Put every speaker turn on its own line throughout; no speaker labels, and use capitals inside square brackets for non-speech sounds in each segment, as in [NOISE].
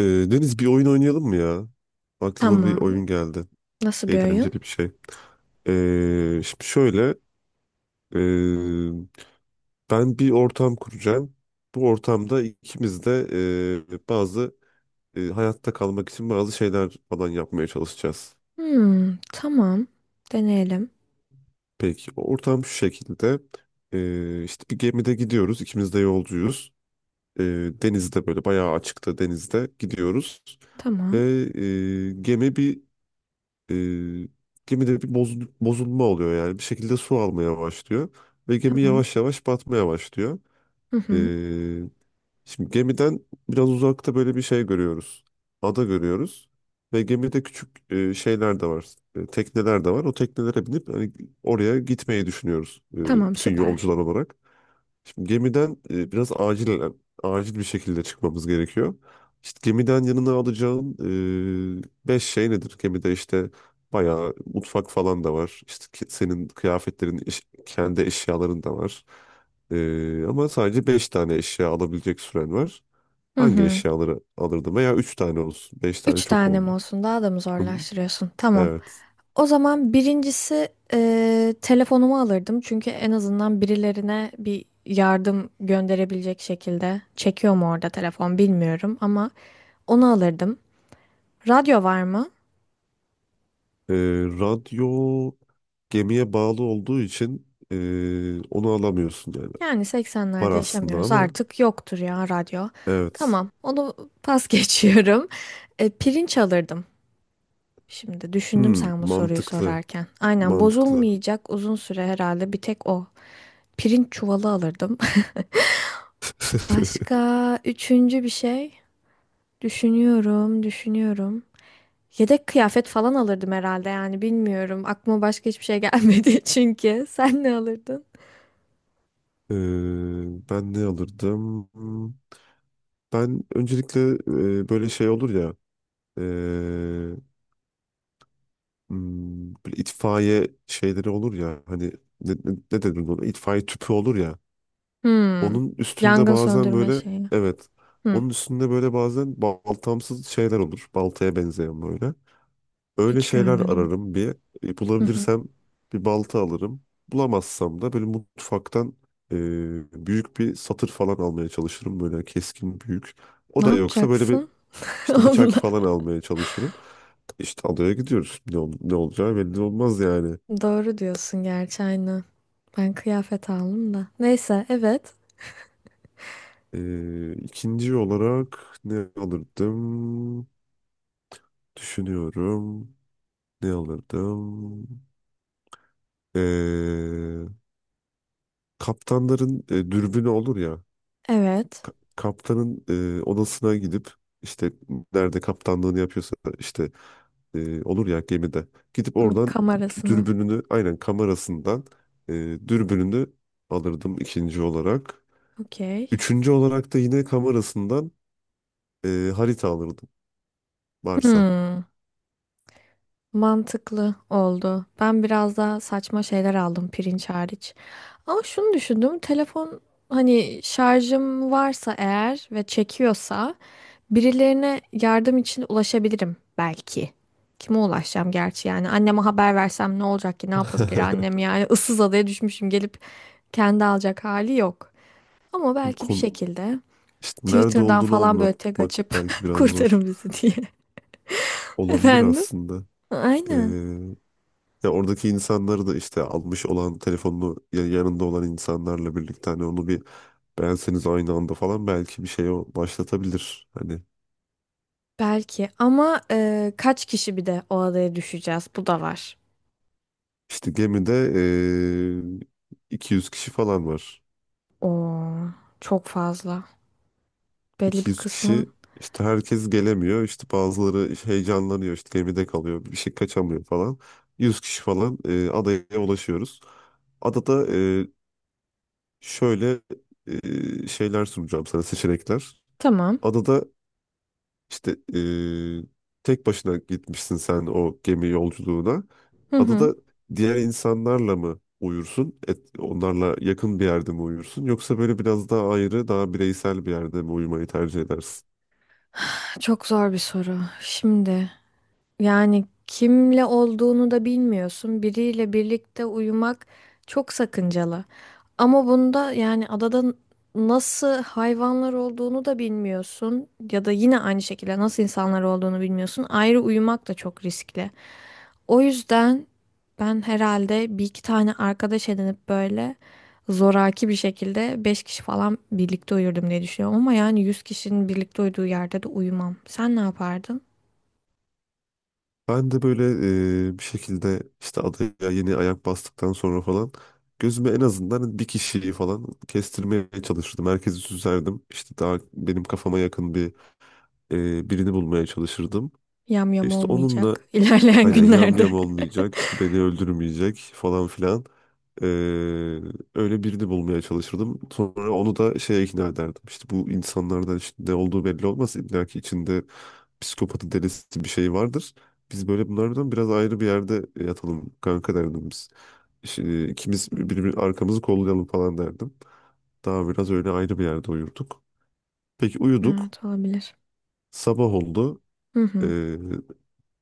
Ee, Deniz, bir oyun oynayalım mı ya? Aklıma bir
Tamam.
oyun geldi.
Nasıl bir oyun?
Eğlenceli bir şey. Şimdi şöyle. ee, Ben bir ortam kuracağım. Bu ortamda ikimiz de bazı hayatta kalmak için bazı şeyler falan yapmaya çalışacağız.
Hmm, tamam. Deneyelim.
Peki ortam şu şekilde. İşte bir gemide gidiyoruz. İkimiz de yolcuyuz. Ee, Denizde böyle bayağı açıkta denizde gidiyoruz. Ve
Tamam.
ee, gemi bir E, gemide bir bozulma oluyor yani. Bir şekilde su almaya başlıyor. Ve gemi
Tamam.
yavaş yavaş batmaya başlıyor.
Hı
E,
hı.
Şimdi gemiden biraz uzakta böyle bir şey görüyoruz. Ada görüyoruz. Ve gemide küçük şeyler de var. Tekneler de var. O teknelere binip hani oraya gitmeyi düşünüyoruz,
Tamam,
bütün
süper.
yolcular olarak. Şimdi gemiden biraz acil acil bir şekilde çıkmamız gerekiyor. İşte gemiden yanına alacağın beş şey nedir? Gemide işte bayağı mutfak falan da var. İşte senin kıyafetlerin, kendi eşyaların da var. Ama sadece beş tane eşya alabilecek süren var.
Hı
Hangi
hı.
eşyaları alırdım? Veya üç tane olsun. Beş tane
Üç
çok
tane mi
oldu.
olsun? Daha da mı
Hı hı.
zorlaştırıyorsun? Tamam.
Evet.
O zaman birincisi telefonumu alırdım. Çünkü en azından birilerine bir yardım gönderebilecek şekilde. Çekiyor mu orada telefon bilmiyorum ama onu alırdım. Radyo var mı?
E, Radyo gemiye bağlı olduğu için onu alamıyorsun yani.
Yani
Var
80'lerde
aslında
yaşamıyoruz.
ama.
Artık yoktur ya radyo.
Evet.
Tamam, onu pas [LAUGHS] geçiyorum. Pirinç alırdım. Şimdi düşündüm
Hmm,
sen bu soruyu
mantıklı.
sorarken. Aynen
Mantıklı.
bozulmayacak uzun süre herhalde bir tek o. Pirinç çuvalı alırdım. [LAUGHS]
[LAUGHS]
Başka üçüncü bir şey. Düşünüyorum, düşünüyorum. Yedek kıyafet falan alırdım herhalde yani bilmiyorum. Aklıma başka hiçbir şey gelmedi [LAUGHS] çünkü. Sen ne alırdın?
Ee, ben ne alırdım? Ben öncelikle böyle şey olur ya, e, böyle itfaiye şeyleri olur ya, hani ne denir buna? İtfaiye tüpü olur ya.
Hmm.
Onun üstünde
Yangın
bazen
söndürme
böyle,
şeyi.
evet.
Hmm.
Onun üstünde böyle bazen baltamsız şeyler olur. Baltaya benzeyen böyle. Öyle
Hiç
şeyler
görmedim.
ararım bir.
[LAUGHS]
Bulabilirsem bir balta alırım. Bulamazsam da böyle mutfaktan e, büyük bir satır falan almaya çalışırım. Böyle keskin büyük. O
Ne
da yoksa böyle bir
yapacaksın? [LAUGHS]
işte bıçak
Onunla.
falan almaya çalışırım. İşte adaya gidiyoruz. Ne olacağı belli olmaz yani.
Doğru diyorsun gerçi aynen. Ben kıyafet aldım da. Neyse evet.
İkinci olarak ne alırdım? Düşünüyorum. Ne alırdım? E, Kaptanların dürbünü olur ya.
Evet.
Kaptanın odasına gidip işte nerede kaptanlığını yapıyorsa, işte olur ya gemide, gidip
Hmm,
oradan
kamerasını.
dürbününü, aynen, kamerasından e, dürbününü alırdım ikinci olarak.
Okey.
Üçüncü olarak da yine kamerasından harita alırdım varsa.
Hmm. Mantıklı oldu. Ben biraz daha saçma şeyler aldım pirinç hariç. Ama şunu düşündüm. Telefon hani şarjım varsa eğer ve çekiyorsa birilerine yardım için ulaşabilirim belki. Kime ulaşacağım gerçi yani anneme haber versem ne olacak ki ne yapabilir
[LAUGHS]
annem yani [LAUGHS] ıssız adaya düşmüşüm gelip kendi alacak hali yok. Ama belki bir
Kon
şekilde
işte nerede
Twitter'dan
olduğunu
falan böyle tek
anlatmak
açıp
belki
[LAUGHS]
biraz zor
kurtarın bizi diye. [LAUGHS]
olabilir
Efendim?
aslında. E,
Aynen.
Ya oradaki insanları da, işte almış olan telefonunu ya yanında olan insanlarla birlikte, hani onu bir Benseniz aynı anda falan belki bir şey başlatabilir. Hani
Belki ama kaç kişi bir de o adaya düşeceğiz? Bu da var.
işte gemide 200 kişi falan var.
Oo, çok fazla. Belli bir
200
kısmın.
kişi, işte herkes gelemiyor. İşte bazıları heyecanlanıyor, işte gemide kalıyor. Bir şey kaçamıyor falan. 100 kişi falan adaya ulaşıyoruz. Adada şöyle şeyler sunacağım sana, seçenekler.
Tamam.
Adada, İşte tek başına gitmişsin sen o gemi yolculuğuna.
Hı hı.
Adada diğer insanlarla mı uyursun? Onlarla yakın bir yerde mi uyursun? Yoksa böyle biraz daha ayrı, daha bireysel bir yerde mi uyumayı tercih edersin?
Çok zor bir soru. Şimdi. Yani kimle olduğunu da bilmiyorsun. Biriyle birlikte uyumak çok sakıncalı. Ama bunda yani adada nasıl hayvanlar olduğunu da bilmiyorsun ya da yine aynı şekilde nasıl insanlar olduğunu bilmiyorsun. Ayrı uyumak da çok riskli. O yüzden ben herhalde bir iki tane arkadaş edinip böyle zoraki bir şekilde 5 kişi falan birlikte uyurdum diye düşünüyorum. Ama yani 100 kişinin birlikte uyuduğu yerde de uyumam. Sen ne yapardın?
Ben de böyle bir şekilde işte adaya yeni ayak bastıktan sonra falan gözüme en azından bir kişiyi falan kestirmeye çalışırdım. Herkesi süzerdim. İşte daha benim kafama yakın bir birini bulmaya çalışırdım.
Yam yam
İşte onunla,
olmayacak ilerleyen
aynen, yam
günlerde.
yam
[LAUGHS]
olmayacak, işte beni öldürmeyecek falan filan. Ee, Öyle birini bulmaya çalışırdım. Sonra onu da şeye ikna ederdim. İşte bu insanlardan, işte ne olduğu belli olmaz. İlla ki içinde psikopatı, delisi bir şey vardır. Biz böyle bunlardan biraz ayrı bir yerde yatalım kanka derdim biz. İşte ikimiz birbirimizin arkamızı kollayalım falan derdim. Daha biraz öyle ayrı bir yerde uyurduk. Peki uyuduk.
Evet olabilir.
Sabah oldu.
Hı hı.
Ee,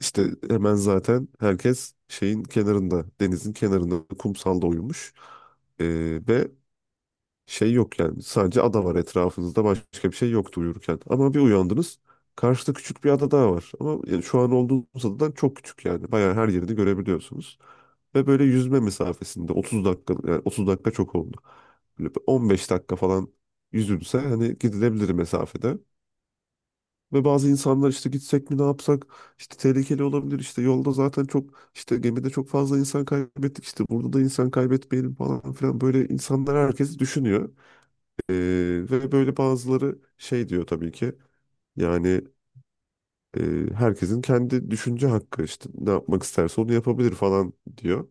işte hemen zaten herkes şeyin kenarında, denizin kenarında, kumsalda uyumuş. Ve şey yok yani, sadece ada var etrafınızda, başka bir şey yoktu uyurken. Ama bir uyandınız, karşıda küçük bir ada daha var. Ama yani şu an olduğunuz adadan çok küçük, yani bayağı her yerini görebiliyorsunuz. Ve böyle yüzme mesafesinde, 30 dakika, yani 30 dakika çok oldu. Böyle bir 15 dakika falan yüzülse, hani gidilebilir mesafede. Ve bazı insanlar işte gitsek mi ne yapsak, işte tehlikeli olabilir, işte yolda zaten çok, işte gemide çok fazla insan kaybettik, işte burada da insan kaybetmeyelim falan filan böyle insanlar, herkes düşünüyor. Ee, Ve böyle bazıları şey diyor tabii ki, yani e, herkesin kendi düşünce hakkı, işte ne yapmak isterse onu yapabilir falan diyor.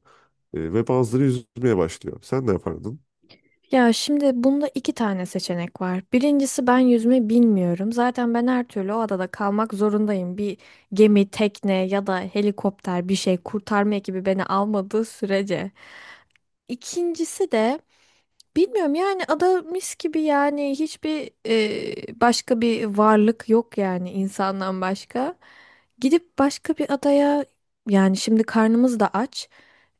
Ve bazıları yüzmeye başlıyor. Sen ne yapardın?
Ya şimdi bunda iki tane seçenek var. Birincisi ben yüzme bilmiyorum. Zaten ben her türlü o adada kalmak zorundayım. Bir gemi, tekne ya da helikopter bir şey kurtarma ekibi beni almadığı sürece. İkincisi de bilmiyorum yani ada mis gibi yani hiçbir başka bir varlık yok yani insandan başka. Gidip başka bir adaya yani şimdi karnımız da aç.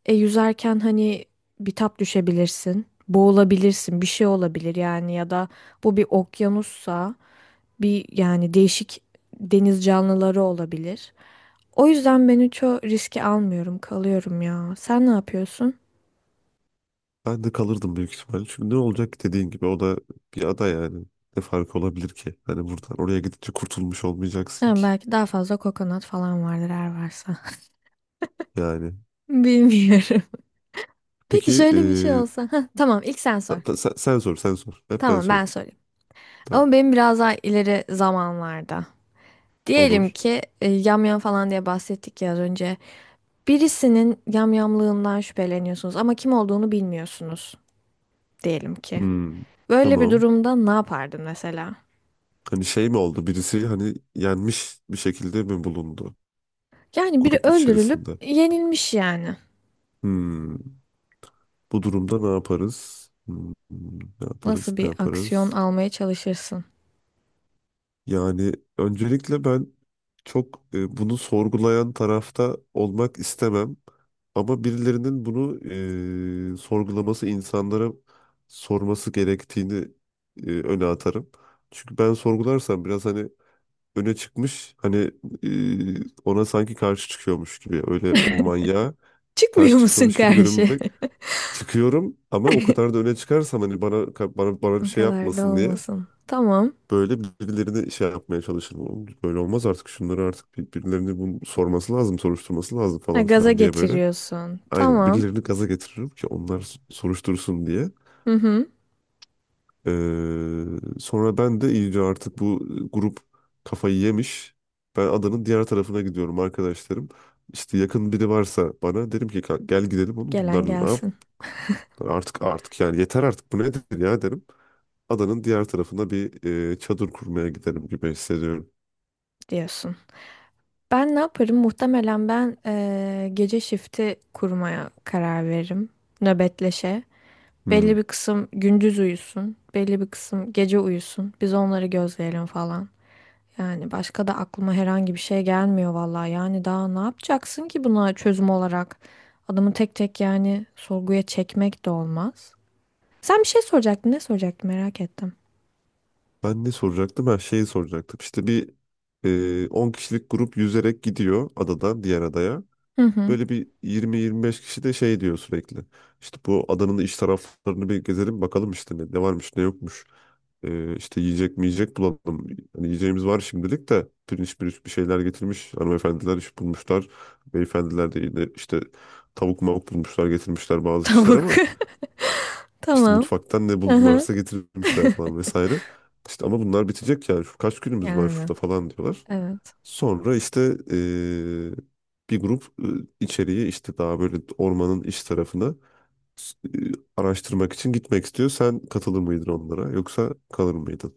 Yüzerken hani bitap düşebilirsin, boğulabilirsin, bir şey olabilir yani ya da bu bir okyanussa bir yani değişik deniz canlıları olabilir. O yüzden ben hiç o riski almıyorum, kalıyorum ya. Sen ne yapıyorsun?
Ben de kalırdım büyük ihtimalle. Çünkü ne olacak ki, dediğin gibi o da bir ada yani. Ne farkı olabilir ki? Hani buradan oraya gidince kurtulmuş olmayacaksın
Yani
ki.
belki daha fazla kokonat falan vardır eğer varsa.
Yani.
[LAUGHS] Bilmiyorum. Peki
Peki
şöyle bir şey olsa. Hah, tamam ilk sen sor.
sen sor, sen sor. Hep ben
Tamam ben
sordum.
sorayım.
Tamam.
Ama benim biraz daha ileri zamanlarda. Diyelim
Olur.
ki yamyam falan diye bahsettik ya az önce. Birisinin yamyamlığından şüpheleniyorsunuz ama kim olduğunu bilmiyorsunuz diyelim ki.
Hmm,
Böyle bir
tamam.
durumda ne yapardın mesela?
Hani şey mi oldu? Birisi hani yenmiş bir şekilde mi bulundu?
Yani biri
Grup
öldürülüp
içerisinde.
yenilmiş yani.
Hmm, Bu durumda ne yaparız? Ne yaparız?
Nasıl
Ne
bir aksiyon
yaparız?
almaya çalışırsın?
Yani öncelikle ben çok bunu sorgulayan tarafta olmak istemem. Ama birilerinin bunu sorgulaması, insanlara sorması gerektiğini öne atarım. Çünkü ben sorgularsam biraz, hani öne çıkmış, hani ona sanki karşı çıkıyormuş gibi, öyle o manyağa karşı
Çıkmıyor musun
çıkıyormuş gibi
karşı?
görünmek, çıkıyorum. Ama o kadar da öne çıkarsam, hani bana bir
O
şey
kadar da
yapmasın diye.
olmasın. Tamam.
Böyle birbirlerini şey yapmaya çalışır. "Oğlum, böyle olmaz artık, şunları artık birilerini bunu sorması lazım, soruşturması lazım"
Ha,
falan
gaza
filan diye böyle.
getiriyorsun.
Aynen
Tamam.
birilerini gaza getiririm ki onlar soruştursun diye.
Hı hı.
Ee, Sonra ben de iyice, artık bu grup kafayı yemiş. Ben adanın diğer tarafına gidiyorum arkadaşlarım. İşte yakın biri varsa bana derim ki, "Gel gidelim oğlum,
Gelen
bunlarla ne yap?
gelsin
Artık, yani yeter artık, bu nedir ya" derim. Adanın diğer tarafına bir çadır kurmaya giderim gibi hissediyorum.
diyorsun. Ben ne yaparım? Muhtemelen ben gece shifti kurmaya karar veririm. Nöbetleşe.
Hmm.
Belli bir kısım gündüz uyusun. Belli bir kısım gece uyusun. Biz onları gözleyelim falan. Yani başka da aklıma herhangi bir şey gelmiyor vallahi. Yani daha ne yapacaksın ki buna çözüm olarak? Adamı tek tek yani sorguya çekmek de olmaz. Sen bir şey soracaktın. Ne soracaktın merak ettim.
Ben ne soracaktım? Ben şeyi soracaktım. İşte bir 10 kişilik grup yüzerek gidiyor adadan diğer adaya.
Hı hı.
Böyle bir 20-25 kişi de şey diyor sürekli. İşte bu adanın iç taraflarını bir gezelim bakalım, işte ne varmış ne yokmuş. İşte yiyecek mi yiyecek bulalım. Hani yiyeceğimiz var şimdilik de, pirinç pirinç bir şeyler getirmiş. Hanımefendiler iş bulmuşlar. Beyefendiler de yine işte tavuk mavuk bulmuşlar, getirmişler bazı kişiler,
Tavuk.
ama
[LAUGHS]
işte
Tamam.
mutfaktan ne
Aha.
buldularsa getirmişler falan vesaire. İşte ama bunlar bitecek yani, şu kaç günümüz var
Yani
şurada falan diyorlar.
evet.
Sonra işte eee, bir grup içeriye, işte daha böyle ormanın iç tarafına e, araştırmak için gitmek istiyor. Sen katılır mıydın onlara, yoksa kalır mıydın?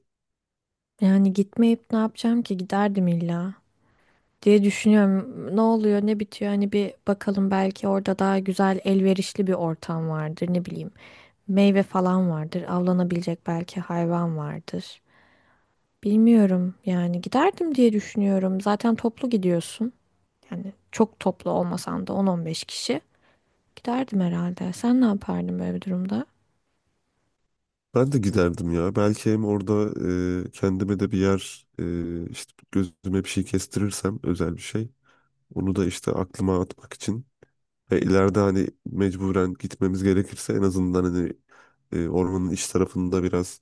Yani gitmeyip ne yapacağım ki giderdim illa diye düşünüyorum. Ne oluyor ne bitiyor hani bir bakalım belki orada daha güzel elverişli bir ortam vardır ne bileyim. Meyve falan vardır avlanabilecek belki hayvan vardır. Bilmiyorum yani giderdim diye düşünüyorum. Zaten toplu gidiyorsun. Yani çok toplu olmasan da 10-15 kişi. Giderdim herhalde. Sen ne yapardın böyle bir durumda?
Ben de giderdim ya. Belki hem orada kendime de bir yer, işte gözüme bir şey kestirirsem özel bir şey. Onu da işte aklıma atmak için. İleride hani mecburen gitmemiz gerekirse en azından hani ormanın iç tarafında biraz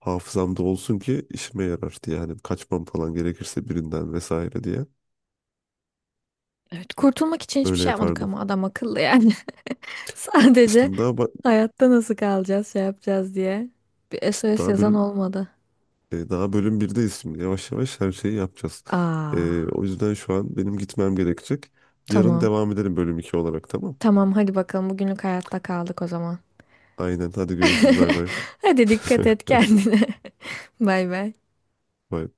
hafızamda olsun ki işime yarar diye. Yani kaçmam falan gerekirse birinden vesaire diye.
Evet, kurtulmak için hiçbir
Öyle
şey yapmadık
yapardım.
ama adam akıllı yani. [LAUGHS] Sadece
Şimdi daha
hayatta nasıl kalacağız, şey yapacağız diye. Bir
işte
SOS yazan olmadı.
daha bölüm 1'deyiz şimdi. Yavaş yavaş her şeyi yapacağız.
Aa,
O yüzden şu an benim gitmem gerekecek. Yarın
tamam.
devam edelim bölüm 2 olarak, tamam.
Tamam hadi bakalım bugünlük hayatta kaldık o zaman.
Aynen, hadi görüşürüz, bay
[LAUGHS]
bay.
Hadi dikkat et kendine. [LAUGHS] Bay bay.
[LAUGHS] Bay.